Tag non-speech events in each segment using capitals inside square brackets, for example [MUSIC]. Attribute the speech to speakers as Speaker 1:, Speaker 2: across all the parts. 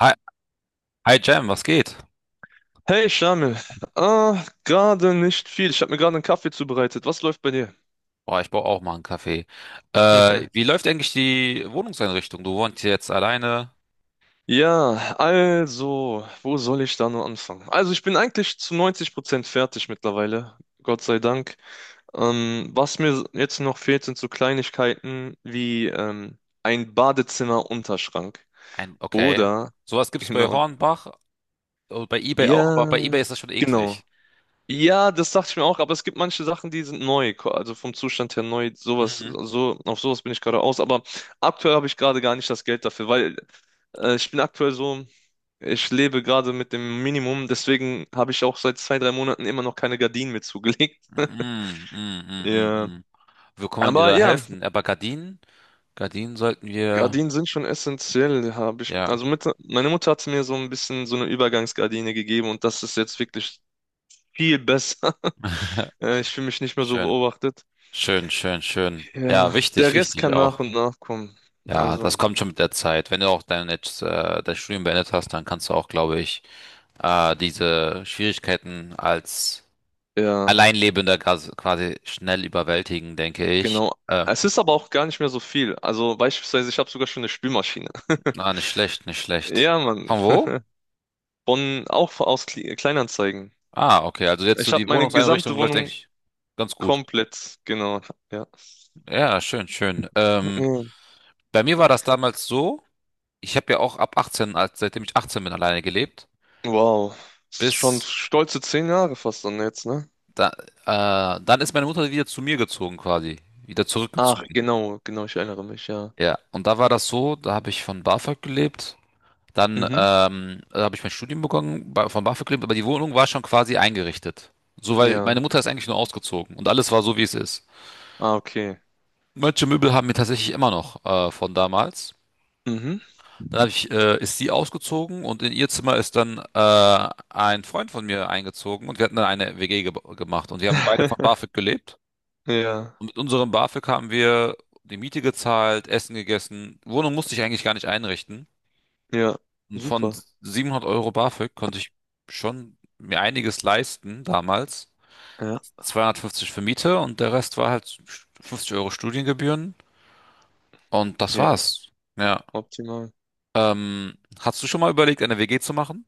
Speaker 1: Hi, hi Jam, was geht?
Speaker 2: Hey Shamil, ah, gerade nicht viel. Ich habe mir gerade einen Kaffee zubereitet. Was läuft bei dir?
Speaker 1: Boah, ich brauche auch mal einen Kaffee.
Speaker 2: [LAUGHS]
Speaker 1: Wie läuft eigentlich die Wohnungseinrichtung? Du wohnst jetzt alleine.
Speaker 2: Ja, also, wo soll ich da nur anfangen? Also, ich bin eigentlich zu 90% fertig mittlerweile, Gott sei Dank. Was mir jetzt noch fehlt, sind so Kleinigkeiten wie ein Badezimmerunterschrank.
Speaker 1: Ein, okay.
Speaker 2: Oder,
Speaker 1: Sowas gibt's bei
Speaker 2: genau,
Speaker 1: Hornbach, bei eBay auch, aber bei eBay
Speaker 2: ja,
Speaker 1: ist das schon
Speaker 2: genau.
Speaker 1: eklig.
Speaker 2: Ja, das dachte ich mir auch, aber es gibt manche Sachen, die sind neu, also vom Zustand her neu, sowas,
Speaker 1: Mhm.
Speaker 2: so, auf sowas bin ich gerade aus, aber aktuell habe ich gerade gar nicht das Geld dafür, weil ich bin aktuell so, ich lebe gerade mit dem Minimum, deswegen habe ich auch seit zwei, drei Monaten immer noch keine Gardinen mir zugelegt. [LAUGHS]
Speaker 1: Mhm, mhm, mhm,
Speaker 2: Ja.
Speaker 1: mhm. Wie kann man dir
Speaker 2: Aber
Speaker 1: da
Speaker 2: ja,
Speaker 1: helfen? Aber Gardinen? Gardinen sollten wir.
Speaker 2: Gardinen sind schon essentiell, habe ich.
Speaker 1: Ja.
Speaker 2: Also mit, meine Mutter hat mir so ein bisschen so eine Übergangsgardine gegeben und das ist jetzt wirklich viel besser.
Speaker 1: [LAUGHS]
Speaker 2: [LAUGHS] Ich fühle mich nicht mehr so
Speaker 1: Schön.
Speaker 2: beobachtet.
Speaker 1: Schön, schön, schön. Ja,
Speaker 2: Ja,
Speaker 1: wichtig,
Speaker 2: der Rest
Speaker 1: wichtig
Speaker 2: kann nach
Speaker 1: auch.
Speaker 2: und nach kommen.
Speaker 1: Ja, das
Speaker 2: Also,
Speaker 1: kommt schon mit der Zeit. Wenn du auch dein, jetzt, dein Studium beendet hast, dann kannst du auch, glaube ich, diese Schwierigkeiten als
Speaker 2: ja,
Speaker 1: Alleinlebender gas- quasi schnell überwältigen, denke ich.
Speaker 2: genau. Es ist aber auch gar nicht mehr so viel. Also beispielsweise, ich habe sogar schon eine Spülmaschine. [LAUGHS]
Speaker 1: Na, nicht schlecht, nicht schlecht.
Speaker 2: Ja, Mann.
Speaker 1: Von wo?
Speaker 2: Von, auch aus Kleinanzeigen.
Speaker 1: Ah, okay, also jetzt so
Speaker 2: Ich habe
Speaker 1: die
Speaker 2: meine gesamte
Speaker 1: Wohnungseinrichtung läuft
Speaker 2: Wohnung
Speaker 1: eigentlich ganz gut.
Speaker 2: komplett, genau, ja.
Speaker 1: Ja, schön, schön.
Speaker 2: Mhm.
Speaker 1: Bei mir war das damals so, ich habe ja auch ab 18, als seitdem ich 18 bin, alleine gelebt,
Speaker 2: Wow. Das ist schon
Speaker 1: bis
Speaker 2: stolze 10 Jahre fast dann jetzt, ne?
Speaker 1: da, dann ist meine Mutter wieder zu mir gezogen quasi, wieder
Speaker 2: Ach,
Speaker 1: zurückgezogen.
Speaker 2: genau, genau, ich erinnere mich, ja.
Speaker 1: Ja, und da war das so, da habe ich von BAföG gelebt. Dann
Speaker 2: Mhm.
Speaker 1: habe ich mein Studium begonnen bei, von BAföG, aber die Wohnung war schon quasi eingerichtet. So, weil
Speaker 2: Ja.
Speaker 1: meine Mutter ist eigentlich nur ausgezogen und alles war so, wie es ist.
Speaker 2: Ah, okay.
Speaker 1: Manche Möbel haben wir tatsächlich immer noch von damals.
Speaker 2: Mhm.
Speaker 1: Dann hab ich, ist sie ausgezogen und in ihr Zimmer ist dann ein Freund von mir eingezogen und wir hatten dann eine WG ge gemacht und wir haben beide von BAföG
Speaker 2: [LAUGHS]
Speaker 1: gelebt.
Speaker 2: Ja,
Speaker 1: Und mit unserem BAföG haben wir die Miete gezahlt, Essen gegessen. Wohnung musste ich eigentlich gar nicht einrichten.
Speaker 2: ja.
Speaker 1: Und von
Speaker 2: Super.
Speaker 1: 700 Euro BAföG konnte ich schon mir einiges leisten damals.
Speaker 2: Ja,
Speaker 1: 250 für Miete und der Rest war halt 50 Euro Studiengebühren. Und das
Speaker 2: ja.
Speaker 1: war's. Ja.
Speaker 2: Optimal.
Speaker 1: Hast du schon mal überlegt, eine WG zu machen?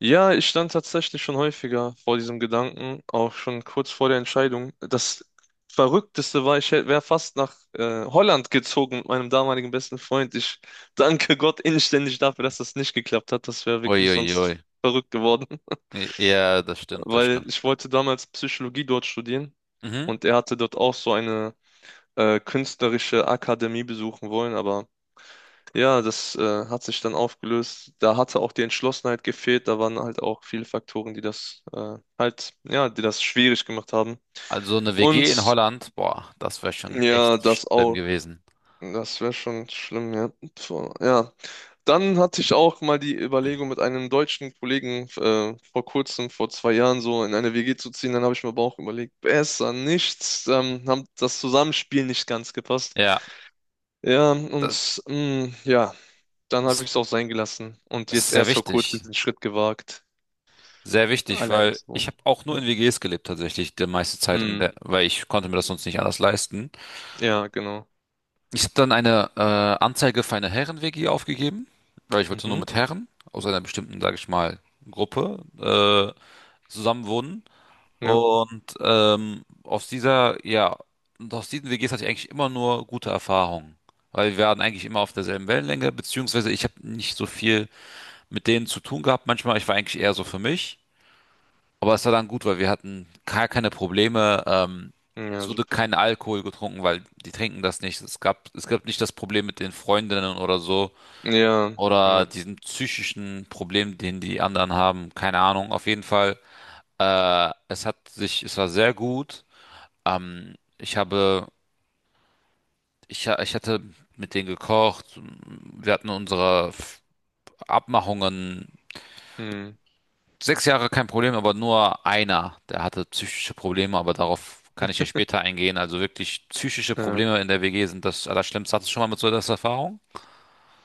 Speaker 2: Ja, ich stand tatsächlich schon häufiger vor diesem Gedanken, auch schon kurz vor der Entscheidung. Das Verrückteste war, ich wäre fast nach Holland gezogen mit meinem damaligen besten Freund. Ich danke Gott inständig dafür, dass das nicht geklappt hat. Das wäre wirklich
Speaker 1: Uiuiui.
Speaker 2: sonst verrückt geworden, [LAUGHS]
Speaker 1: Ja, das stimmt, das
Speaker 2: weil
Speaker 1: stimmt.
Speaker 2: ich wollte damals Psychologie dort studieren
Speaker 1: Mhm.
Speaker 2: und er hatte dort auch so eine künstlerische Akademie besuchen wollen, aber ja, das hat sich dann aufgelöst. Da hatte auch die Entschlossenheit gefehlt. Da waren halt auch viele Faktoren, die das halt, ja, die das schwierig gemacht haben.
Speaker 1: Also eine WG in
Speaker 2: Und
Speaker 1: Holland, boah, das wäre schon
Speaker 2: ja,
Speaker 1: echt
Speaker 2: das
Speaker 1: schlimm
Speaker 2: auch,
Speaker 1: gewesen.
Speaker 2: das wäre schon schlimm, ja. So, ja. Dann hatte ich auch mal die Überlegung, mit einem deutschen Kollegen vor kurzem, vor 2 Jahren so in eine WG zu ziehen. Dann habe ich mir aber auch überlegt, besser nichts. Haben das Zusammenspiel nicht ganz gepasst.
Speaker 1: Ja,
Speaker 2: Ja,
Speaker 1: das
Speaker 2: und ja. Dann habe
Speaker 1: das
Speaker 2: ich es auch sein gelassen und jetzt
Speaker 1: ist sehr
Speaker 2: erst vor kurzem
Speaker 1: wichtig.
Speaker 2: den Schritt gewagt,
Speaker 1: Sehr wichtig,
Speaker 2: alleine
Speaker 1: weil
Speaker 2: zu
Speaker 1: ich
Speaker 2: wohnen.
Speaker 1: habe auch nur
Speaker 2: Ja,
Speaker 1: in WGs gelebt tatsächlich, die meiste Zeit, in
Speaker 2: hm,
Speaker 1: der, weil ich konnte mir das sonst nicht anders leisten.
Speaker 2: ja, genau.
Speaker 1: Ich habe dann eine Anzeige für eine Herren-WG aufgegeben, weil ich wollte nur
Speaker 2: Mhm.
Speaker 1: mit Herren aus einer bestimmten, sage ich mal, Gruppe zusammen wohnen.
Speaker 2: Ja,
Speaker 1: Und aus dieser, ja, und aus diesen WGs hatte ich eigentlich immer nur gute Erfahrungen, weil wir waren eigentlich immer auf derselben Wellenlänge, beziehungsweise ich habe nicht so viel mit denen zu tun gehabt. Manchmal, ich war eigentlich eher so für mich. Aber es war dann gut, weil wir hatten gar keine Probleme.
Speaker 2: ja,
Speaker 1: Es wurde
Speaker 2: super.
Speaker 1: kein Alkohol getrunken, weil die trinken das nicht. Es gab nicht das Problem mit den Freundinnen oder so
Speaker 2: Ja,
Speaker 1: oder
Speaker 2: ja,
Speaker 1: diesem psychischen Problem, den die anderen haben. Keine Ahnung. Auf jeden Fall, es war sehr gut. Ich habe, ich, ha- ich hatte mit denen gekocht. Wir hatten unsere Abmachungen.
Speaker 2: hm,
Speaker 1: 6 Jahre kein Problem, aber nur einer, der hatte psychische Probleme, aber darauf kann ich ja später eingehen. Also wirklich psychische
Speaker 2: ja.
Speaker 1: Probleme in der WG sind das Allerschlimmste. Hattest du schon mal mit so einer Erfahrung?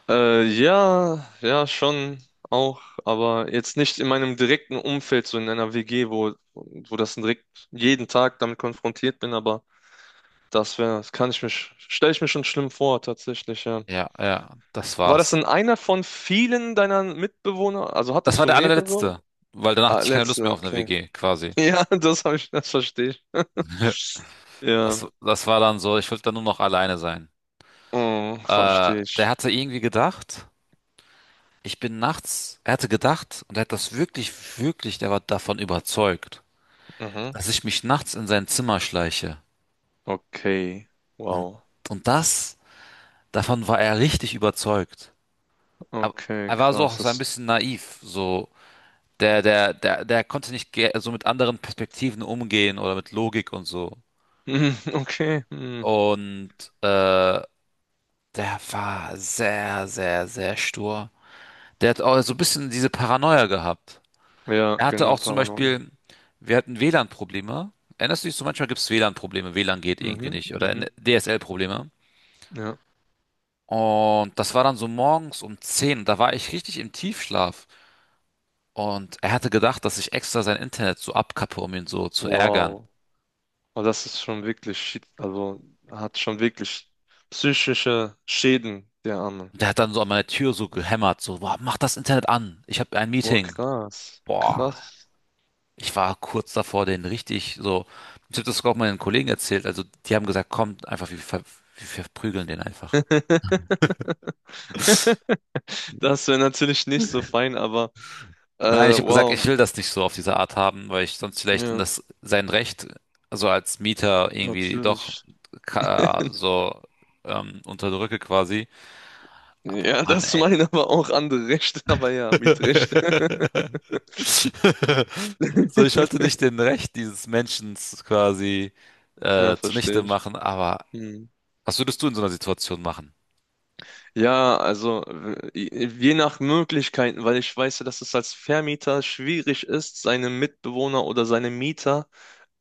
Speaker 2: Ja, ja, schon auch, aber jetzt nicht in meinem direkten Umfeld, so in einer WG, wo das direkt jeden Tag damit konfrontiert bin, aber das wäre, das kann ich mir, stelle ich mir schon schlimm vor, tatsächlich, ja.
Speaker 1: Ja, ja, das
Speaker 2: War das
Speaker 1: war's.
Speaker 2: denn einer von vielen deiner Mitbewohner? Also
Speaker 1: Das
Speaker 2: hattest
Speaker 1: war
Speaker 2: du
Speaker 1: der
Speaker 2: mehrere.
Speaker 1: allerletzte, weil danach hatte
Speaker 2: Ah,
Speaker 1: ich keine Lust
Speaker 2: letzte,
Speaker 1: mehr auf eine
Speaker 2: okay.
Speaker 1: WG, quasi.
Speaker 2: [LAUGHS] Ja, das habe ich, das verstehe ich.
Speaker 1: [LAUGHS]
Speaker 2: Ja,
Speaker 1: Das war dann so, ich wollte dann nur noch alleine sein. Äh,
Speaker 2: verstehe
Speaker 1: Der
Speaker 2: ich.
Speaker 1: hatte irgendwie gedacht, er hatte gedacht und er hat das wirklich, wirklich, der war davon überzeugt,
Speaker 2: Mhm.
Speaker 1: dass ich mich nachts in sein Zimmer schleiche.
Speaker 2: Okay,
Speaker 1: Und,
Speaker 2: wow.
Speaker 1: und das Davon war er richtig überzeugt. Aber
Speaker 2: Okay,
Speaker 1: er war so auch
Speaker 2: krass.
Speaker 1: so ein
Speaker 2: Das,
Speaker 1: bisschen naiv, so der konnte nicht ge- so mit anderen Perspektiven umgehen oder mit Logik und so.
Speaker 2: [LAUGHS] mhm, okay, mhm.
Speaker 1: Und äh, der war sehr sehr sehr stur. Der hat auch so ein bisschen diese Paranoia gehabt.
Speaker 2: Ja,
Speaker 1: Er hatte
Speaker 2: genau,
Speaker 1: auch zum
Speaker 2: Paranoia.
Speaker 1: Beispiel, wir hatten WLAN-Probleme. Erinnerst du dich so, manchmal gibt es WLAN-Probleme, WLAN geht irgendwie
Speaker 2: Mhm,
Speaker 1: nicht oder
Speaker 2: mhm,
Speaker 1: DSL-Probleme.
Speaker 2: ja.
Speaker 1: Und das war dann so morgens um 10. Da war ich richtig im Tiefschlaf. Und er hatte gedacht, dass ich extra sein Internet so abkappe, um ihn so zu ärgern.
Speaker 2: Wow. Aber das ist schon wirklich shit, also hat schon wirklich psychische Schäden, der Arme.
Speaker 1: Und er hat dann so an meine Tür so gehämmert, so, boah, mach das Internet an, ich habe ein
Speaker 2: Boah,
Speaker 1: Meeting.
Speaker 2: krass,
Speaker 1: Boah,
Speaker 2: krass.
Speaker 1: ich war kurz davor, den richtig so, ich habe das sogar auch meinen Kollegen erzählt, also die haben gesagt, kommt einfach, wir verprügeln den einfach.
Speaker 2: [LAUGHS]
Speaker 1: [LAUGHS]
Speaker 2: Das wäre natürlich nicht so fein, aber äh,
Speaker 1: Nein, ich habe gesagt,
Speaker 2: wow,
Speaker 1: ich will das nicht so auf diese Art haben, weil ich sonst vielleicht in
Speaker 2: ja,
Speaker 1: das sein Recht, also als Mieter irgendwie doch
Speaker 2: natürlich.
Speaker 1: ka- so unterdrücke quasi. Aber
Speaker 2: Ja, [LAUGHS]
Speaker 1: Mann,
Speaker 2: das
Speaker 1: ey.
Speaker 2: meinen aber auch andere Rechte, [LAUGHS] aber ja, Mietrechte.
Speaker 1: [LAUGHS] So, ich
Speaker 2: [LAUGHS]
Speaker 1: wollte nicht den Recht dieses Menschen quasi
Speaker 2: Ja, verstehe
Speaker 1: zunichte
Speaker 2: ich.
Speaker 1: machen, aber
Speaker 2: Hm.
Speaker 1: was würdest du in so einer Situation machen?
Speaker 2: Ja, also je nach Möglichkeiten, weil ich weiß ja, dass es als Vermieter schwierig ist, seine Mitbewohner oder seine Mieter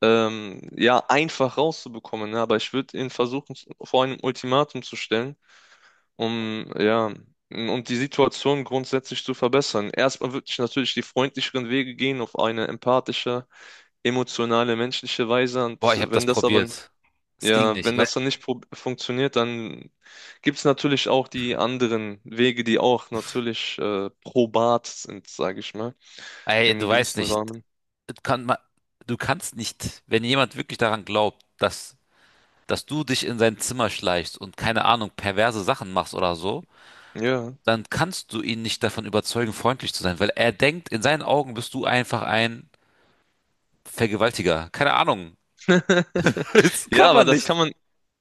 Speaker 2: ja einfach rauszubekommen. Ne? Aber ich würde ihn versuchen, vor einem Ultimatum zu stellen, um ja und die Situation grundsätzlich zu verbessern. Erstmal würde ich natürlich die freundlicheren Wege gehen auf eine empathische emotionale, menschliche Weise.
Speaker 1: Boah,
Speaker 2: Und
Speaker 1: ich habe das
Speaker 2: wenn
Speaker 1: so
Speaker 2: das aber,
Speaker 1: probiert. Es ja, ging
Speaker 2: ja,
Speaker 1: nicht. Ich
Speaker 2: wenn
Speaker 1: weil,
Speaker 2: das dann nicht funktioniert, dann gibt es natürlich auch die anderen Wege, die auch natürlich probat sind, sage ich mal,
Speaker 1: ey, du
Speaker 2: im
Speaker 1: weißt
Speaker 2: gewissen
Speaker 1: nicht,
Speaker 2: Rahmen.
Speaker 1: das kann man, du kannst nicht, wenn jemand wirklich daran glaubt, dass du dich in sein Zimmer schleichst und keine Ahnung, perverse Sachen machst oder so,
Speaker 2: Ja.
Speaker 1: dann kannst du ihn nicht davon überzeugen, freundlich zu sein, weil er denkt, in seinen Augen bist du einfach ein Vergewaltiger. Keine Ahnung.
Speaker 2: [LAUGHS]
Speaker 1: Das
Speaker 2: Ja,
Speaker 1: kann
Speaker 2: aber
Speaker 1: man
Speaker 2: das
Speaker 1: nicht.
Speaker 2: kann man.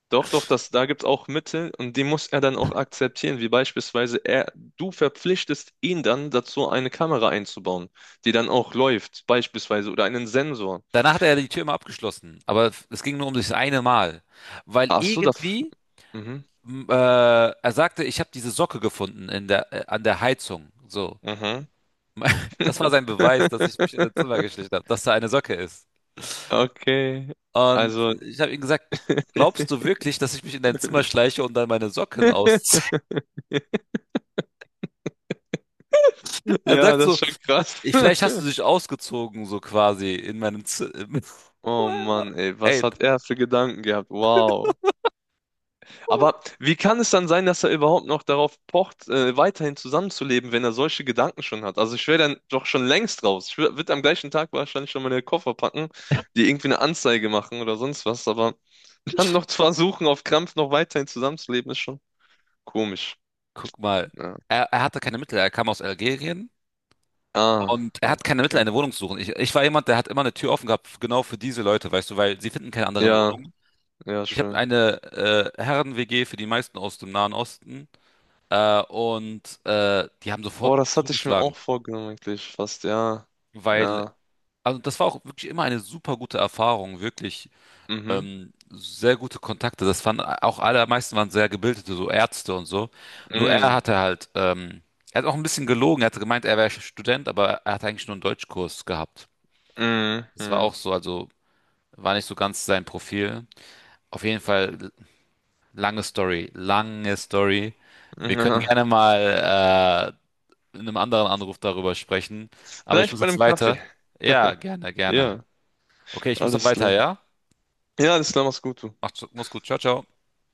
Speaker 2: Doch, doch, das, da gibt es auch Mittel und die muss er dann auch akzeptieren, wie beispielsweise er, du verpflichtest ihn dann dazu, eine Kamera einzubauen, die dann auch läuft, beispielsweise, oder einen Sensor.
Speaker 1: Danach hat er die Tür immer abgeschlossen. Aber es ging nur um das eine Mal. Weil
Speaker 2: Ach so, das.
Speaker 1: irgendwie,
Speaker 2: Mhm.
Speaker 1: er sagte, ich habe diese Socke gefunden in der, an der Heizung. So.
Speaker 2: Mhm.
Speaker 1: [LAUGHS] Das war sein Beweis, dass ich mich in sein Zimmer
Speaker 2: [LAUGHS]
Speaker 1: geschlichen habe, dass da eine Socke ist.
Speaker 2: Okay.
Speaker 1: Und
Speaker 2: Also,
Speaker 1: ich habe ihm gesagt, glaubst du wirklich, dass ich mich in dein Zimmer schleiche und dann meine Socken ausziehe? [LAUGHS]
Speaker 2: [LAUGHS]
Speaker 1: Er
Speaker 2: ja,
Speaker 1: sagt
Speaker 2: das ist
Speaker 1: so,
Speaker 2: schon krass.
Speaker 1: ich, vielleicht
Speaker 2: [LAUGHS]
Speaker 1: hast du dich ausgezogen, so quasi in meinem Zimmer.
Speaker 2: Oh
Speaker 1: [LAUGHS]
Speaker 2: Mann, ey, was
Speaker 1: Ey,
Speaker 2: hat er für Gedanken gehabt? Wow. Aber wie kann es dann sein, dass er überhaupt noch darauf pocht, weiterhin zusammenzuleben, wenn er solche Gedanken schon hat? Also ich wäre dann doch schon längst raus. Ich würde am gleichen Tag wahrscheinlich schon meine Koffer packen, die irgendwie eine Anzeige machen oder sonst was. Aber [LAUGHS] dann noch zu versuchen, auf Krampf noch weiterhin zusammenzuleben, ist schon komisch.
Speaker 1: guck mal,
Speaker 2: Ja.
Speaker 1: er hatte keine Mittel, er kam aus Algerien
Speaker 2: Ah,
Speaker 1: und er hat keine Mittel,
Speaker 2: okay.
Speaker 1: eine Wohnung zu suchen. Ich war jemand, der hat immer eine Tür offen gehabt, genau für diese Leute, weißt du, weil sie finden keine anderen
Speaker 2: Ja,
Speaker 1: Wohnungen.
Speaker 2: ja,
Speaker 1: Ich habe
Speaker 2: schön.
Speaker 1: eine Herren-WG für die meisten aus dem Nahen Osten und die haben sofort
Speaker 2: Boah, das hatte ich mir
Speaker 1: zugeschlagen,
Speaker 2: auch vorgenommen, eigentlich fast, ja.
Speaker 1: weil,
Speaker 2: Ja.
Speaker 1: also das war auch wirklich immer eine super gute Erfahrung, wirklich.
Speaker 2: Mhm.
Speaker 1: Sehr gute Kontakte. Das fanden auch allermeisten waren sehr gebildete, so Ärzte und so. Nur er
Speaker 2: Mhm.
Speaker 1: hatte halt, er hat auch ein bisschen gelogen. Er hatte gemeint, er wäre Student, aber er hat eigentlich nur einen Deutschkurs gehabt.
Speaker 2: Mhm.
Speaker 1: Das war auch
Speaker 2: Mhm.
Speaker 1: so, also war nicht so ganz sein Profil. Auf jeden Fall lange Story, lange Story.
Speaker 2: [LAUGHS]
Speaker 1: Wir können
Speaker 2: Ja.
Speaker 1: gerne mal in einem anderen Anruf darüber sprechen. Aber ich
Speaker 2: Vielleicht
Speaker 1: muss
Speaker 2: bei
Speaker 1: jetzt
Speaker 2: einem Kaffee.
Speaker 1: weiter. Ja, gerne, gerne.
Speaker 2: Ja,
Speaker 1: Okay, ich muss dann
Speaker 2: alles
Speaker 1: weiter,
Speaker 2: klar.
Speaker 1: ja?
Speaker 2: Ja, alles klar, mach's gut, du.
Speaker 1: Macht's, mach's gut. Ciao, ciao.